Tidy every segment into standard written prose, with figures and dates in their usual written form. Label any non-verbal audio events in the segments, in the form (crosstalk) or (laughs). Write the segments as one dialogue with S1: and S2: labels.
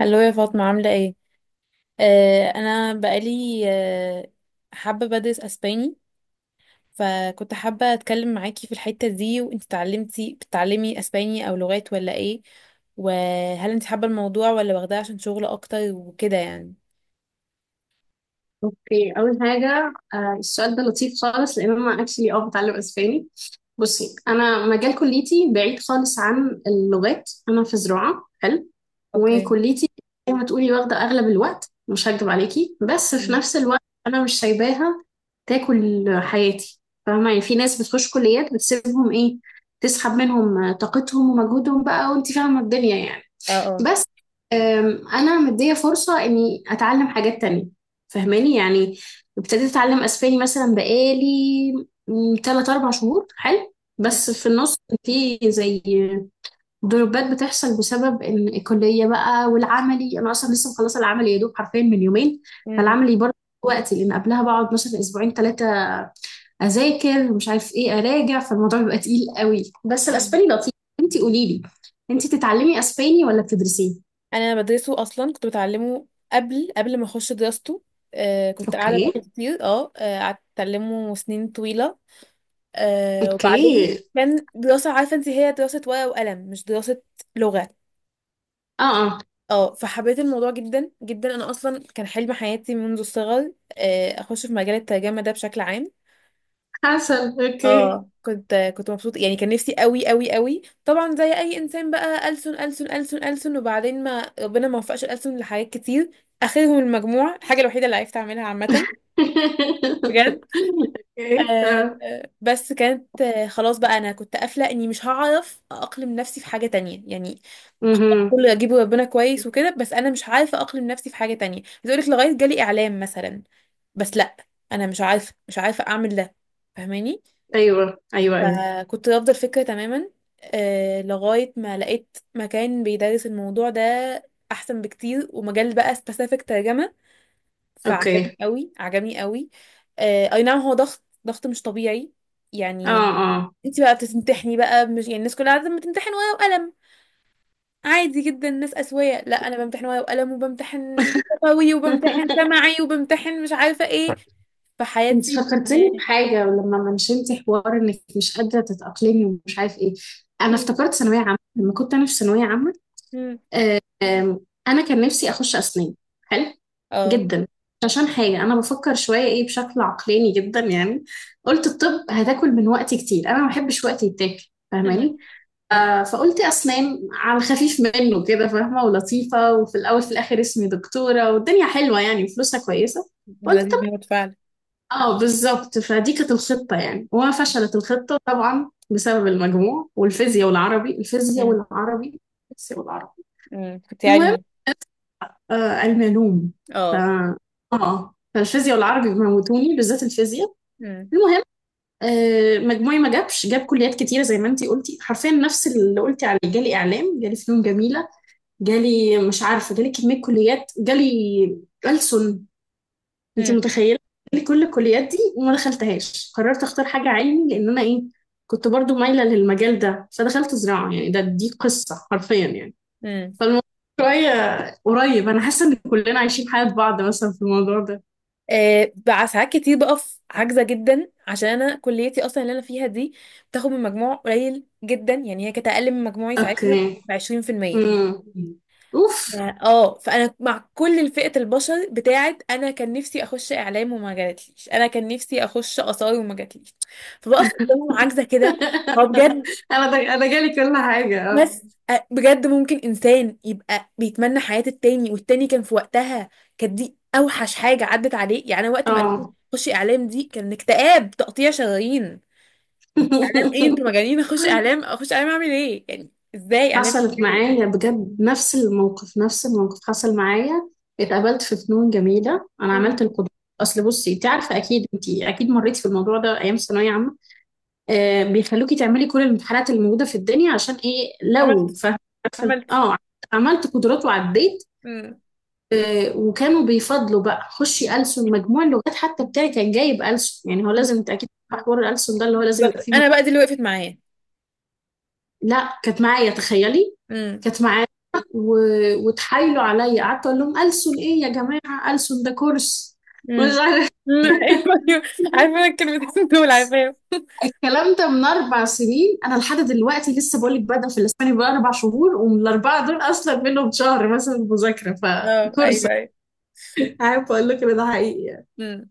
S1: هلو يا فاطمة، عاملة ايه؟ انا بقالي حابة بدرس اسباني، فكنت حابة اتكلم معاكي في الحتة دي. وانت اتعلمتي، بتتعلمي اسباني او لغات ولا ايه؟ وهل انت حابة الموضوع ولا واخداه عشان شغل اكتر وكده يعني؟
S2: اوكي، اول حاجه، السؤال ده لطيف خالص لان انا اكشلي بتعلم اسباني. بصي، انا مجال كليتي بعيد خالص عن اللغات. انا في زراعه. حلو.
S1: اوكي.
S2: وكليتي زي ما تقولي واخده اغلب الوقت، مش هكدب عليكي، بس في
S1: مم.
S2: نفس الوقت انا مش سايباها تاكل حياتي. فاهمه يعني، في ناس بتخش كليات بتسيبهم ايه، تسحب منهم طاقتهم ومجهودهم بقى، وانت فاهمه الدنيا يعني.
S1: اه اه
S2: بس، انا مديه فرصه اني اتعلم حاجات تانية. فاهماني يعني. ابتديت اتعلم اسباني مثلا بقالي 3 4 شهور. حلو. بس
S1: مم.
S2: في النص في زي ضربات بتحصل بسبب ان الكليه بقى، والعملي، انا اصلا لسه مخلصه العملي يا دوب حرفيا من يومين.
S1: مم.
S2: فالعملي برضه وقتي، لان قبلها بقعد مثلا اسبوعين ثلاثه اذاكر مش عارف ايه اراجع، فالموضوع بيبقى تقيل قوي. بس
S1: مم.
S2: الاسباني لطيف. انتي قولي لي، انتي تتعلمي اسباني ولا بتدرسيه؟
S1: انا بدرسه، اصلا كنت بتعلمه قبل ما اخش دراسته. كنت قاعدة
S2: اوكي.
S1: بقالي كتير، قعدت اتعلمه سنين طويلة. وبعدين
S2: اوكي.
S1: كان دراسة، عارفة انت، هي دراسة ورقة وقلم، مش دراسة لغة.
S2: اه، اه.
S1: اه، فحبيت الموضوع جدا جدا. انا اصلا كان حلم حياتي منذ الصغر، اخش في مجال الترجمة ده بشكل عام.
S2: حسن. اوكي.
S1: اه، كنت مبسوطة يعني، كان نفسي قوي طبعا زي اي انسان بقى، ألسن. وبعدين ما ربنا ما وفقش، الألسن لحاجات كتير اخرهم المجموع، الحاجة الوحيدة اللي عرفت اعملها عامة بجد.
S2: (laughs) اوكي. اه.
S1: بس كانت، خلاص بقى، انا كنت قافله اني مش هعرف اقلم نفسي في حاجه تانية يعني.
S2: مهم.
S1: كل اجيب ربنا كويس وكده، بس انا مش عارفه اقلم نفسي في حاجه تانية. بتقول لك لغايه جالي اعلام مثلا، بس لا، انا مش عارفه اعمل ده، فاهماني.
S2: ايوه، ايوه، ايوه.
S1: فكنت رافضه الفكره تماما. لغايه ما لقيت مكان بيدرس الموضوع ده احسن بكتير، ومجال بقى سبيسيفيك، ترجمه. فعجبني
S2: اوكي.
S1: قوي، عجبني قوي. اي نعم، هو ضغط مش طبيعي
S2: اه،
S1: يعني.
S2: اه.
S1: انت بقى بتمتحني بقى، مش يعني الناس كلها عاده بتمتحن ورقه وقلم، عادي جدا، الناس اسويه. لا، انا بمتحن ورقه وقلم، وبمتحن
S2: (laughs)
S1: لغوي، وبمتحن سمعي، وبمتحن مش عارفه ايه،
S2: انت
S1: فحياتي.
S2: فكرتني بحاجه لما منشنت حوار انك مش قادره تتاقلمي ومش عارف ايه. انا
S1: مم.
S2: افتكرت ثانويه عامه لما كنت انا في ثانويه عامه.
S1: مم.
S2: آم، انا كان نفسي اخش اسنان. حلو
S1: اه.
S2: جدا. عشان حاجه انا بفكر شويه ايه، بشكل عقلاني جدا يعني. قلت الطب هتاكل من وقتي كتير، انا ما بحبش وقتي يتاكل،
S1: مم.
S2: فاهماني. فقلت اسنان على الخفيف منه كده، فاهمه ولطيفه، وفي الاول في الاخر اسمي دكتوره والدنيا حلوه يعني وفلوسها كويسه. قلت طب،
S1: لذيذ موت فعلا.
S2: اه بالظبط. فدي كانت الخطه يعني، وما فشلت الخطه طبعا بسبب المجموع والفيزياء والعربي، الفيزياء
S1: مم.
S2: والعربي، الفيزياء والعربي.
S1: كنت
S2: المهم،
S1: علمي.
S2: الملوم. ف
S1: اه.
S2: اه فالفيزياء والعربي موتوني، بالذات الفيزياء.
S1: مم.
S2: المهم، مجموعي ما جابش، جاب كليات كتيره زي ما انتي قلتي، حرفيا نفس اللي قلتي عليه. جالي اعلام، جالي فنون جميله، جالي مش عارفه، جالي كميه كليات، جالي ألسن. انتي
S1: مم.
S2: متخيله؟ جالي كل الكليات دي وما دخلتهاش. قررت اختار حاجه علمي لان انا ايه، كنت برضو مايله للمجال ده فدخلت زراعه. يعني دي قصه حرفيا يعني.
S1: مم.
S2: فالموضوع شوية قريب، أنا حاسة إن كلنا عايشين حياة بعض مثلا في الموضوع ده.
S1: آه، بقى ساعات كتير بقف عاجزة جدا، عشان انا كليتي اصلا اللي انا فيها دي بتاخد من مجموع قليل جدا. يعني هي كانت اقل من مجموعي ساعتها
S2: أوكي.
S1: ب 20%.
S2: امم. أوف.
S1: فانا مع كل فئة البشر بتاعت انا كان نفسي اخش اعلام وما جاتليش، انا كان نفسي اخش اثار وما جاتليش، فبقف قدامهم عاجزة كده. هو
S2: (laughs)
S1: بجد،
S2: أنا جالي كل حاجة.
S1: بس بجد ممكن انسان يبقى بيتمنى حياة التاني، والتاني كان في وقتها. كانت دي اوحش حاجة عدت عليه يعني. أنا وقت
S2: أه،
S1: ما قالوا لي
S2: أه.
S1: خشي اعلام، دي كان اكتئاب تقطيع شرايين. اعلام ايه؟ انتوا
S2: (laughs)
S1: مجانين! (laughs) اخش اعلام، اخش اعلام، اعمل ايه يعني، ازاي اعلام؟
S2: حصلت
S1: ايه.
S2: معايا بجد نفس الموقف، نفس الموقف حصل معايا. اتقابلت في فنون جميلة، أنا عملت
S1: مم.
S2: القدرات. أصل بصي أنت عارفة أكيد، أنت أكيد مريت في الموضوع ده أيام ثانوية عامة. بيخلوكي تعملي كل الامتحانات اللي موجودة في الدنيا عشان إيه، لو.
S1: عملت عملت.
S2: اه، عملت قدرات وعديت.
S1: مم.
S2: وكانوا بيفضلوا بقى خشي ألسن، مجموع اللغات حتى بتاعي كان جايب ألسن، يعني هو
S1: مم.
S2: لازم، انت اكيد عارفة حوار الألسن ده، اللي هو لازم يبقى
S1: بالظبط،
S2: فيه
S1: انا
S2: مجموع.
S1: بقى دي اللي وقفت معايا.
S2: لا كانت معايا، تخيلي،
S1: مم.
S2: كانت معايا. و... وتحايلوا عليا، قعدت اقول لهم ألسن ايه يا جماعة، ألسن ده كورس
S1: مم.
S2: مش
S1: مم.
S2: عارف. (laughs)
S1: (laughs) ايوه، ايوه، عارفه، انا الكلمتين دول عارفاهم. (laughs)
S2: الكلام ده من اربع سنين، انا لحد دلوقتي لسه بقول لك بادئه في الاسباني، بقى اربع شهور ومن الاربعه دول اصلا منهم شهر مثلا مذاكره.
S1: اه،
S2: فكورس،
S1: ايوه،
S2: عارف اقول لك ان ده حقيقي يعني.
S1: ايوه.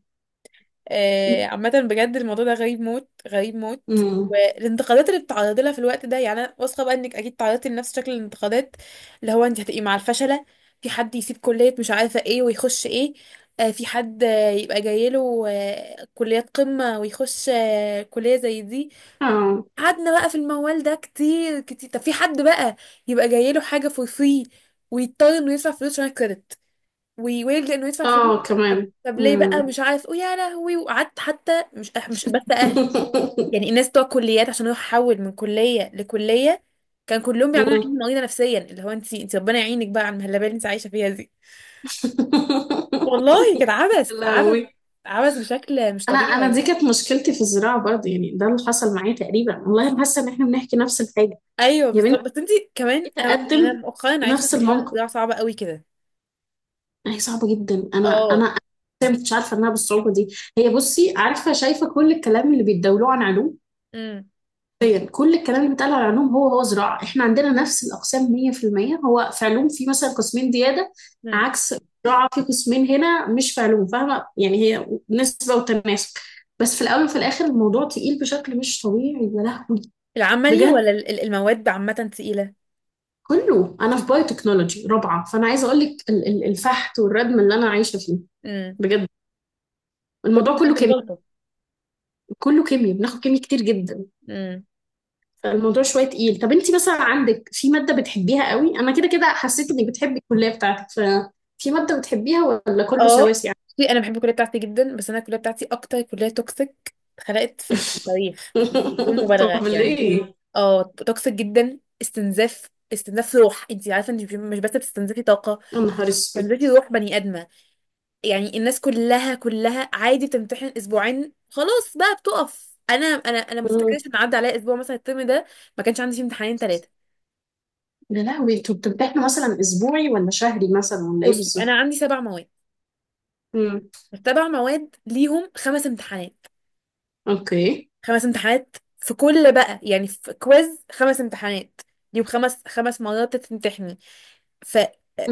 S1: آه، عامة بجد الموضوع ده غريب موت، غريب موت.
S2: امم.
S1: والانتقادات اللي بتتعرضي لها في الوقت ده، يعني انا واثقه بقى انك اكيد تعرضتي لنفس شكل الانتقادات. اللي هو انت هتبقي مع الفشله، في حد يسيب كليه مش عارفه ايه ويخش ايه، في حد، يبقى جايله كليات قمه ويخش كليه زي دي.
S2: اه،
S1: قعدنا بقى في الموال ده كتير كتير. طب في حد بقى يبقى جايله حاجه فور فري، ويضطر انه يدفع فلوس عشان الكريدت ويويل لانه يدفع فلوس.
S2: اه.
S1: طب
S2: كمان.
S1: طب ليه بقى؟
S2: امم.
S1: مش عارف ويا لهوي. وقعدت، حتى مش أه، مش بس اهل يعني،
S2: (laughs)
S1: الناس بتوع كليات، عشان هو حول من كليه لكليه، كان كلهم بيعملوا
S2: أمم.
S1: عيني مريضه نفسيا، اللي هو انت ربنا يعينك بقى على المهلبيه اللي انت عايشه فيها دي. والله كان
S2: (laughs)
S1: عبث، عبث،
S2: لهوي.
S1: عبث بشكل مش
S2: انا
S1: طبيعي
S2: انا دي
S1: يعني.
S2: كانت مشكلتي في الزراعه برضه، يعني ده اللي حصل معايا تقريبا. والله انا حاسه ان احنا بنحكي نفس الحاجه.
S1: ايوه
S2: يا
S1: بالظبط.
S2: بنتي،
S1: بس انت كمان،
S2: جيت
S1: يعني انا
S2: اقدم
S1: مؤخرا عرفت ان
S2: نفس
S1: موضوع
S2: الموقف.
S1: النزاع صعب قوي كده.
S2: هي صعبه جدا. انا انا
S1: اه.
S2: أنا ما كنتش عارفه انها بالصعوبه دي. هي بصي، عارفه شايفه كل الكلام اللي بيتداولوه عن علوم.
S1: امم.
S2: حرفيا كل الكلام اللي بيتقال على علوم هو زراعة. احنا عندنا نفس الأقسام 100%. هو في علوم في مثلا قسمين زيادة،
S1: امم.
S2: عكس زراعة في قسمين هنا مش في علوم، فاهمة يعني، هي نسبة وتناسب. بس في الأول وفي الآخر الموضوع تقيل بشكل مش طبيعي. يا لهوي.
S1: العملي
S2: بجد.
S1: ولا المواد عامه تقيله؟
S2: كله، أنا في بايو تكنولوجي رابعة، فأنا عايزة أقول لك الفحت والردم اللي أنا عايشة فيه.
S1: امم.
S2: بجد،
S1: كله
S2: الموضوع
S1: من
S2: كله
S1: اجل
S2: كيمياء،
S1: البلطه.
S2: كله كيمياء، بناخد كيمياء كتير جدا.
S1: إمم.
S2: الموضوع شويه تقيل. طب انت مثلا عندك في ماده بتحبيها قوي؟ انا كده كده حسيت انك بتحبي الكليه بتاعتك، ففي ماده بتحبيها ولا كله
S1: اه.
S2: سواسي يعني؟
S1: بصي، انا بحب الكليه بتاعتي جدا، بس انا الكليه بتاعتي اكتر كليه توكسيك اتخلقت في التاريخ، بدون
S2: (laughs)
S1: مبالغه
S2: طب
S1: يعني.
S2: ليه؟
S1: اه، توكسيك جدا، استنزاف، استنزاف روح. انت عارفه، انت مش بس بتستنزفي طاقه،
S2: يا نهار اسود.
S1: بتستنزفي روح بني ادمه. يعني الناس كلها، كلها عادي بتمتحن اسبوعين، خلاص بقى بتقف. انا، انا ما
S2: مم.
S1: افتكرش ان عدى عليا اسبوع مثلا الترم ده ما كانش عندي فيه امتحانين ثلاثه.
S2: يا لهوي، انتوا بتمتحنوا مثلا اسبوعي ولا شهري مثلا ولا ايه
S1: بصي
S2: بالظبط؟
S1: انا عندي سبع مواد.
S2: مم.
S1: السبع مواد ليهم خمس امتحانات.
S2: اوكي.
S1: خمس امتحانات في كل بقى، يعني في كويز، خمس امتحانات. يوم، خمس مرات تمتحني. ف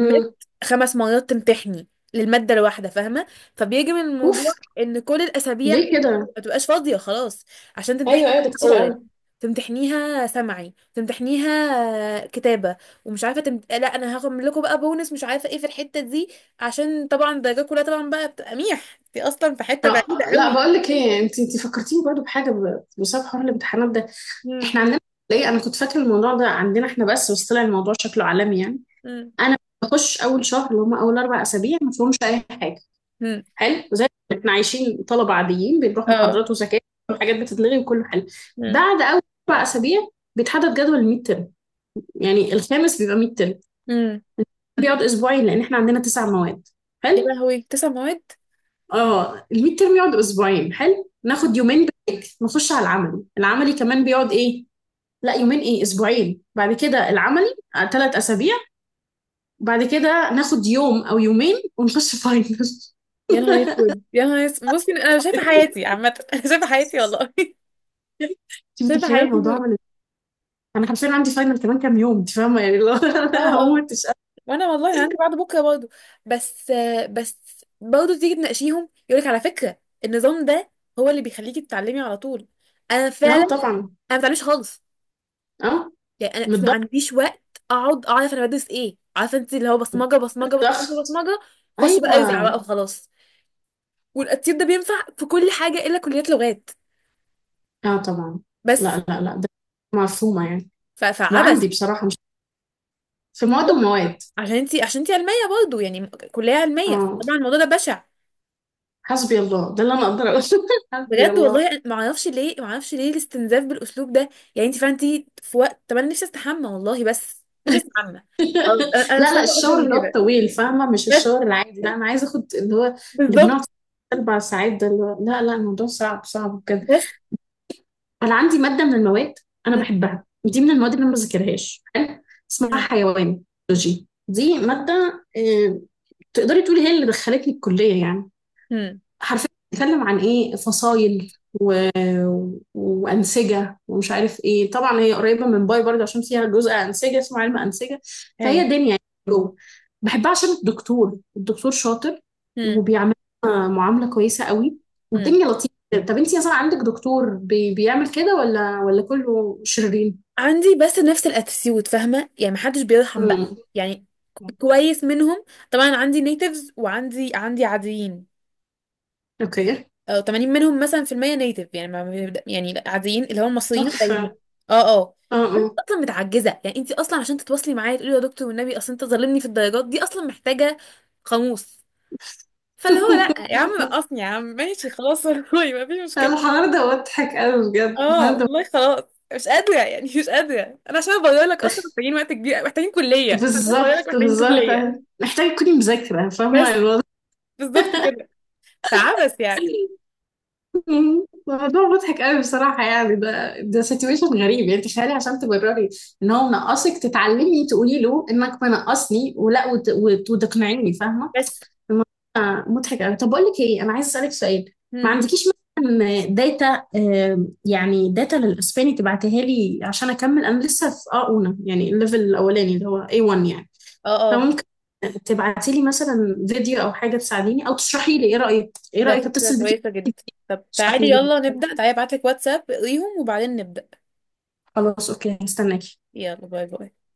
S1: مت خمس مرات تمتحني للمادة الواحدة، فاهمة؟ فبيجي من
S2: اوف.
S1: الموضوع ان كل الاسابيع
S2: ليه كده؟
S1: ما تبقاش فاضية خلاص، عشان تمتحني
S2: ايوه، ايوه، ده كتير
S1: اورال،
S2: قوي.
S1: تمتحنيها سمعي، تمتحنيها كتابة، ومش عارفة لا، انا هاخد من لكم بقى بونس، مش عارفة ايه في الحتة دي، عشان طبعا الدرجات كلها طبعا بقى بتبقى ميح، دي اصلا في حتة بعيدة
S2: لا
S1: قوي.
S2: بقول لك ايه، انت فكرتيني برضو بحاجه، بسبب حوار الامتحانات ده.
S1: مم.
S2: احنا عندنا. ليه انا كنت فاكره الموضوع ده عندنا احنا بس طلع الموضوع شكله عالمي يعني.
S1: مم.
S2: انا بخش اول شهر اللي هم اول اربع اسابيع ما فيهمش اي حاجه.
S1: مم.
S2: حلو، زي ما احنا عايشين طلبه عاديين، بنروح
S1: اه.
S2: محاضرات وزكاه وحاجات بتتلغي وكله حلو.
S1: مم.
S2: بعد اول اربع اسابيع بيتحدد جدول الميد ترم، يعني الخامس بيبقى ميد ترم.
S1: مم.
S2: بيقعد اسبوعين لان احنا عندنا تسع مواد.
S1: يا
S2: حلو.
S1: لهوي، تسع مواد!
S2: اه، الميد ترم يقعد اسبوعين. حلو.
S1: مم.
S2: ناخد يومين بريك، نخش على العملي. العملي كمان بيقعد ايه؟ لا، يومين ايه، اسبوعين، بعد كده العملي ثلاث اسابيع. بعد كده ناخد يوم او يومين ونخش فاينل. (laughs)
S1: يا نهار اسود، يا نهار اسود! بصي انا شايفه حياتي عامه، (laughs) انا شايفه حياتي والله. (laughs)
S2: انت
S1: شايفه
S2: متخيله
S1: حياتي
S2: الموضوع عمل إيه؟ انا حرفيا عندي فاينل كمان كام يوم، انت فاهمه يعني، لو (laughs)
S1: اه.
S2: انا
S1: اه.
S2: هموت. مش
S1: وانا والله انا عندي بعد بكره برضه. بس، بس برضه تيجي تناقشيهم يقولك على فكره النظام ده هو اللي بيخليكي تتعلمي على طول. انا
S2: قادرة.
S1: فعلا
S2: اه
S1: انا
S2: طبعا.
S1: ما بتعلمش خالص
S2: اه،
S1: يعني. انا
S2: من
S1: ما
S2: الضغط.
S1: عنديش وقت اقعد اعرف انا بدرس ايه، عارفه انت، اللي هو بصمجه بصمجه بصمجه
S2: للضغط.
S1: بصمجه خش بقى ارزع
S2: ايوه.
S1: بقى وخلاص. والتطبيق ده بينفع في كل حاجه الا كليات لغات،
S2: اه طبعا.
S1: بس.
S2: لا، لا، لا، ده مفهومه يعني.
S1: فعبث.
S2: وعندي بصراحه مش، في مواد ومواد.
S1: عشان انتي، عشان انتي علميه برضه يعني، كليه علميه،
S2: اه،
S1: طبعا الموضوع ده بشع.
S2: حسبي الله، ده اللي انا اقدر اقوله. (laughs) حسبي
S1: بجد
S2: الله.
S1: والله ما اعرفش ليه، ما اعرفش ليه الاستنزاف بالاسلوب ده. يعني انت فعلا انتي في وقت. طب انا نفسي استحمى والله، بس نفسي استحمى. خلاص،
S2: (laughs)
S1: أنا مش
S2: لا، لا،
S1: طالبه اكتر
S2: الشاور
S1: من
S2: اللي هو
S1: كده،
S2: الطويل فاهمه، مش
S1: بس.
S2: الشاور العادي. لا انا عايزه اخد اللي هو اللي بنقعد
S1: بالظبط.
S2: اربع ساعات ده، اللي هو لا، لا، الموضوع صعب، صعب.
S1: بس.
S2: انا عندي ماده من المواد انا
S1: هم،
S2: بحبها، دي من المواد اللي انا ما بذاكرهاش. حلو، اسمها
S1: هم،
S2: حيوان بيولوجي. دي ماده تقدري تقولي هي اللي دخلتني الكليه يعني.
S1: هم،
S2: حرفيا بتتكلم عن ايه، فصائل وانسجه ومش عارف ايه، طبعا هي قريبه من باي برضه عشان فيها جزء انسجه اسمه علم انسجه. فهي
S1: ايوه.
S2: دنيا يعني جوه. بحبها عشان الدكتور شاطر،
S1: هم،
S2: وبيعمل معامله كويسه قوي
S1: هم.
S2: والدنيا لطيفه. طب انتي مثلا عندك دكتور بيعمل كده ولا كله شرير؟
S1: عندي، بس نفس الاتيتيود فاهمه، يعني محدش بيرحم بقى
S2: مم.
S1: يعني، كويس منهم. طبعا عندي نيتيفز، وعندي عاديين.
S2: اوكي.
S1: اه، 80 منهم مثلا في المية نيتف، يعني ما بيبدأ يعني. لا، عاديين اللي هم المصريين
S2: تحفه.
S1: قليلين. اه. اه.
S2: اه،
S1: انت
S2: اه.
S1: اصلا متعجزه يعني، انت اصلا عشان تتواصلي معايا تقولي: يا دكتور والنبي اصل انت ظالمني في الدرجات دي، اصلا محتاجه قاموس. فاللي هو لا يا عم نقصني
S2: (laughs)
S1: يا عم، ماشي خلاص. (laughs) والله ما فيش مشكله.
S2: الحوار ده مضحك قوي، بجد
S1: اه
S2: الحوار ده
S1: والله خلاص. مش قادره يعني، مش قادره. انا عشان ابرر لك اصلا
S2: مضحك.
S1: محتاجين وقت كبير، محتاجين كليه عشان ابرر لك،
S2: بالظبط،
S1: محتاجين
S2: بالظبط.
S1: كليه،
S2: محتاجة تكوني مذاكرة فاهمة.
S1: بس. بالظبط كده. فعبس يعني.
S2: (laughs) موضوع مضحك قوي بصراحة يعني، ده سيتويشن غريب يعني. تخيلي عشان تبرري ان هو منقصك، تتعلمي تقولي له انك منقصني، ولا وتقنعيني، فاهمة.
S1: بس.
S2: الموضوع مضحك قوي. طب بقول لك ايه، انا عايز اسألك سؤال. ما
S1: مم.
S2: عندكيش مثلا داتا، يعني داتا للاسباني تبعتيها لي عشان اكمل. انا لسه في اولى يعني، الليفل الاولاني اللي هو A1 يعني.
S1: اه، آه.
S2: فممكن تبعتي لي مثلا فيديو او حاجة تساعديني، او تشرحي لي ايه رأيك، ايه
S1: ده
S2: رأيك
S1: فكرة
S2: اتصل بيكي
S1: كويسة جدا. طب
S2: تشرحي
S1: تعالي
S2: لي؟
S1: يلا نبدأ، تعالي ابعتلك واتساب اقريهم وبعدين نبدأ.
S2: خلاص، اوكي، هستناكي.
S1: يلا، باي باي.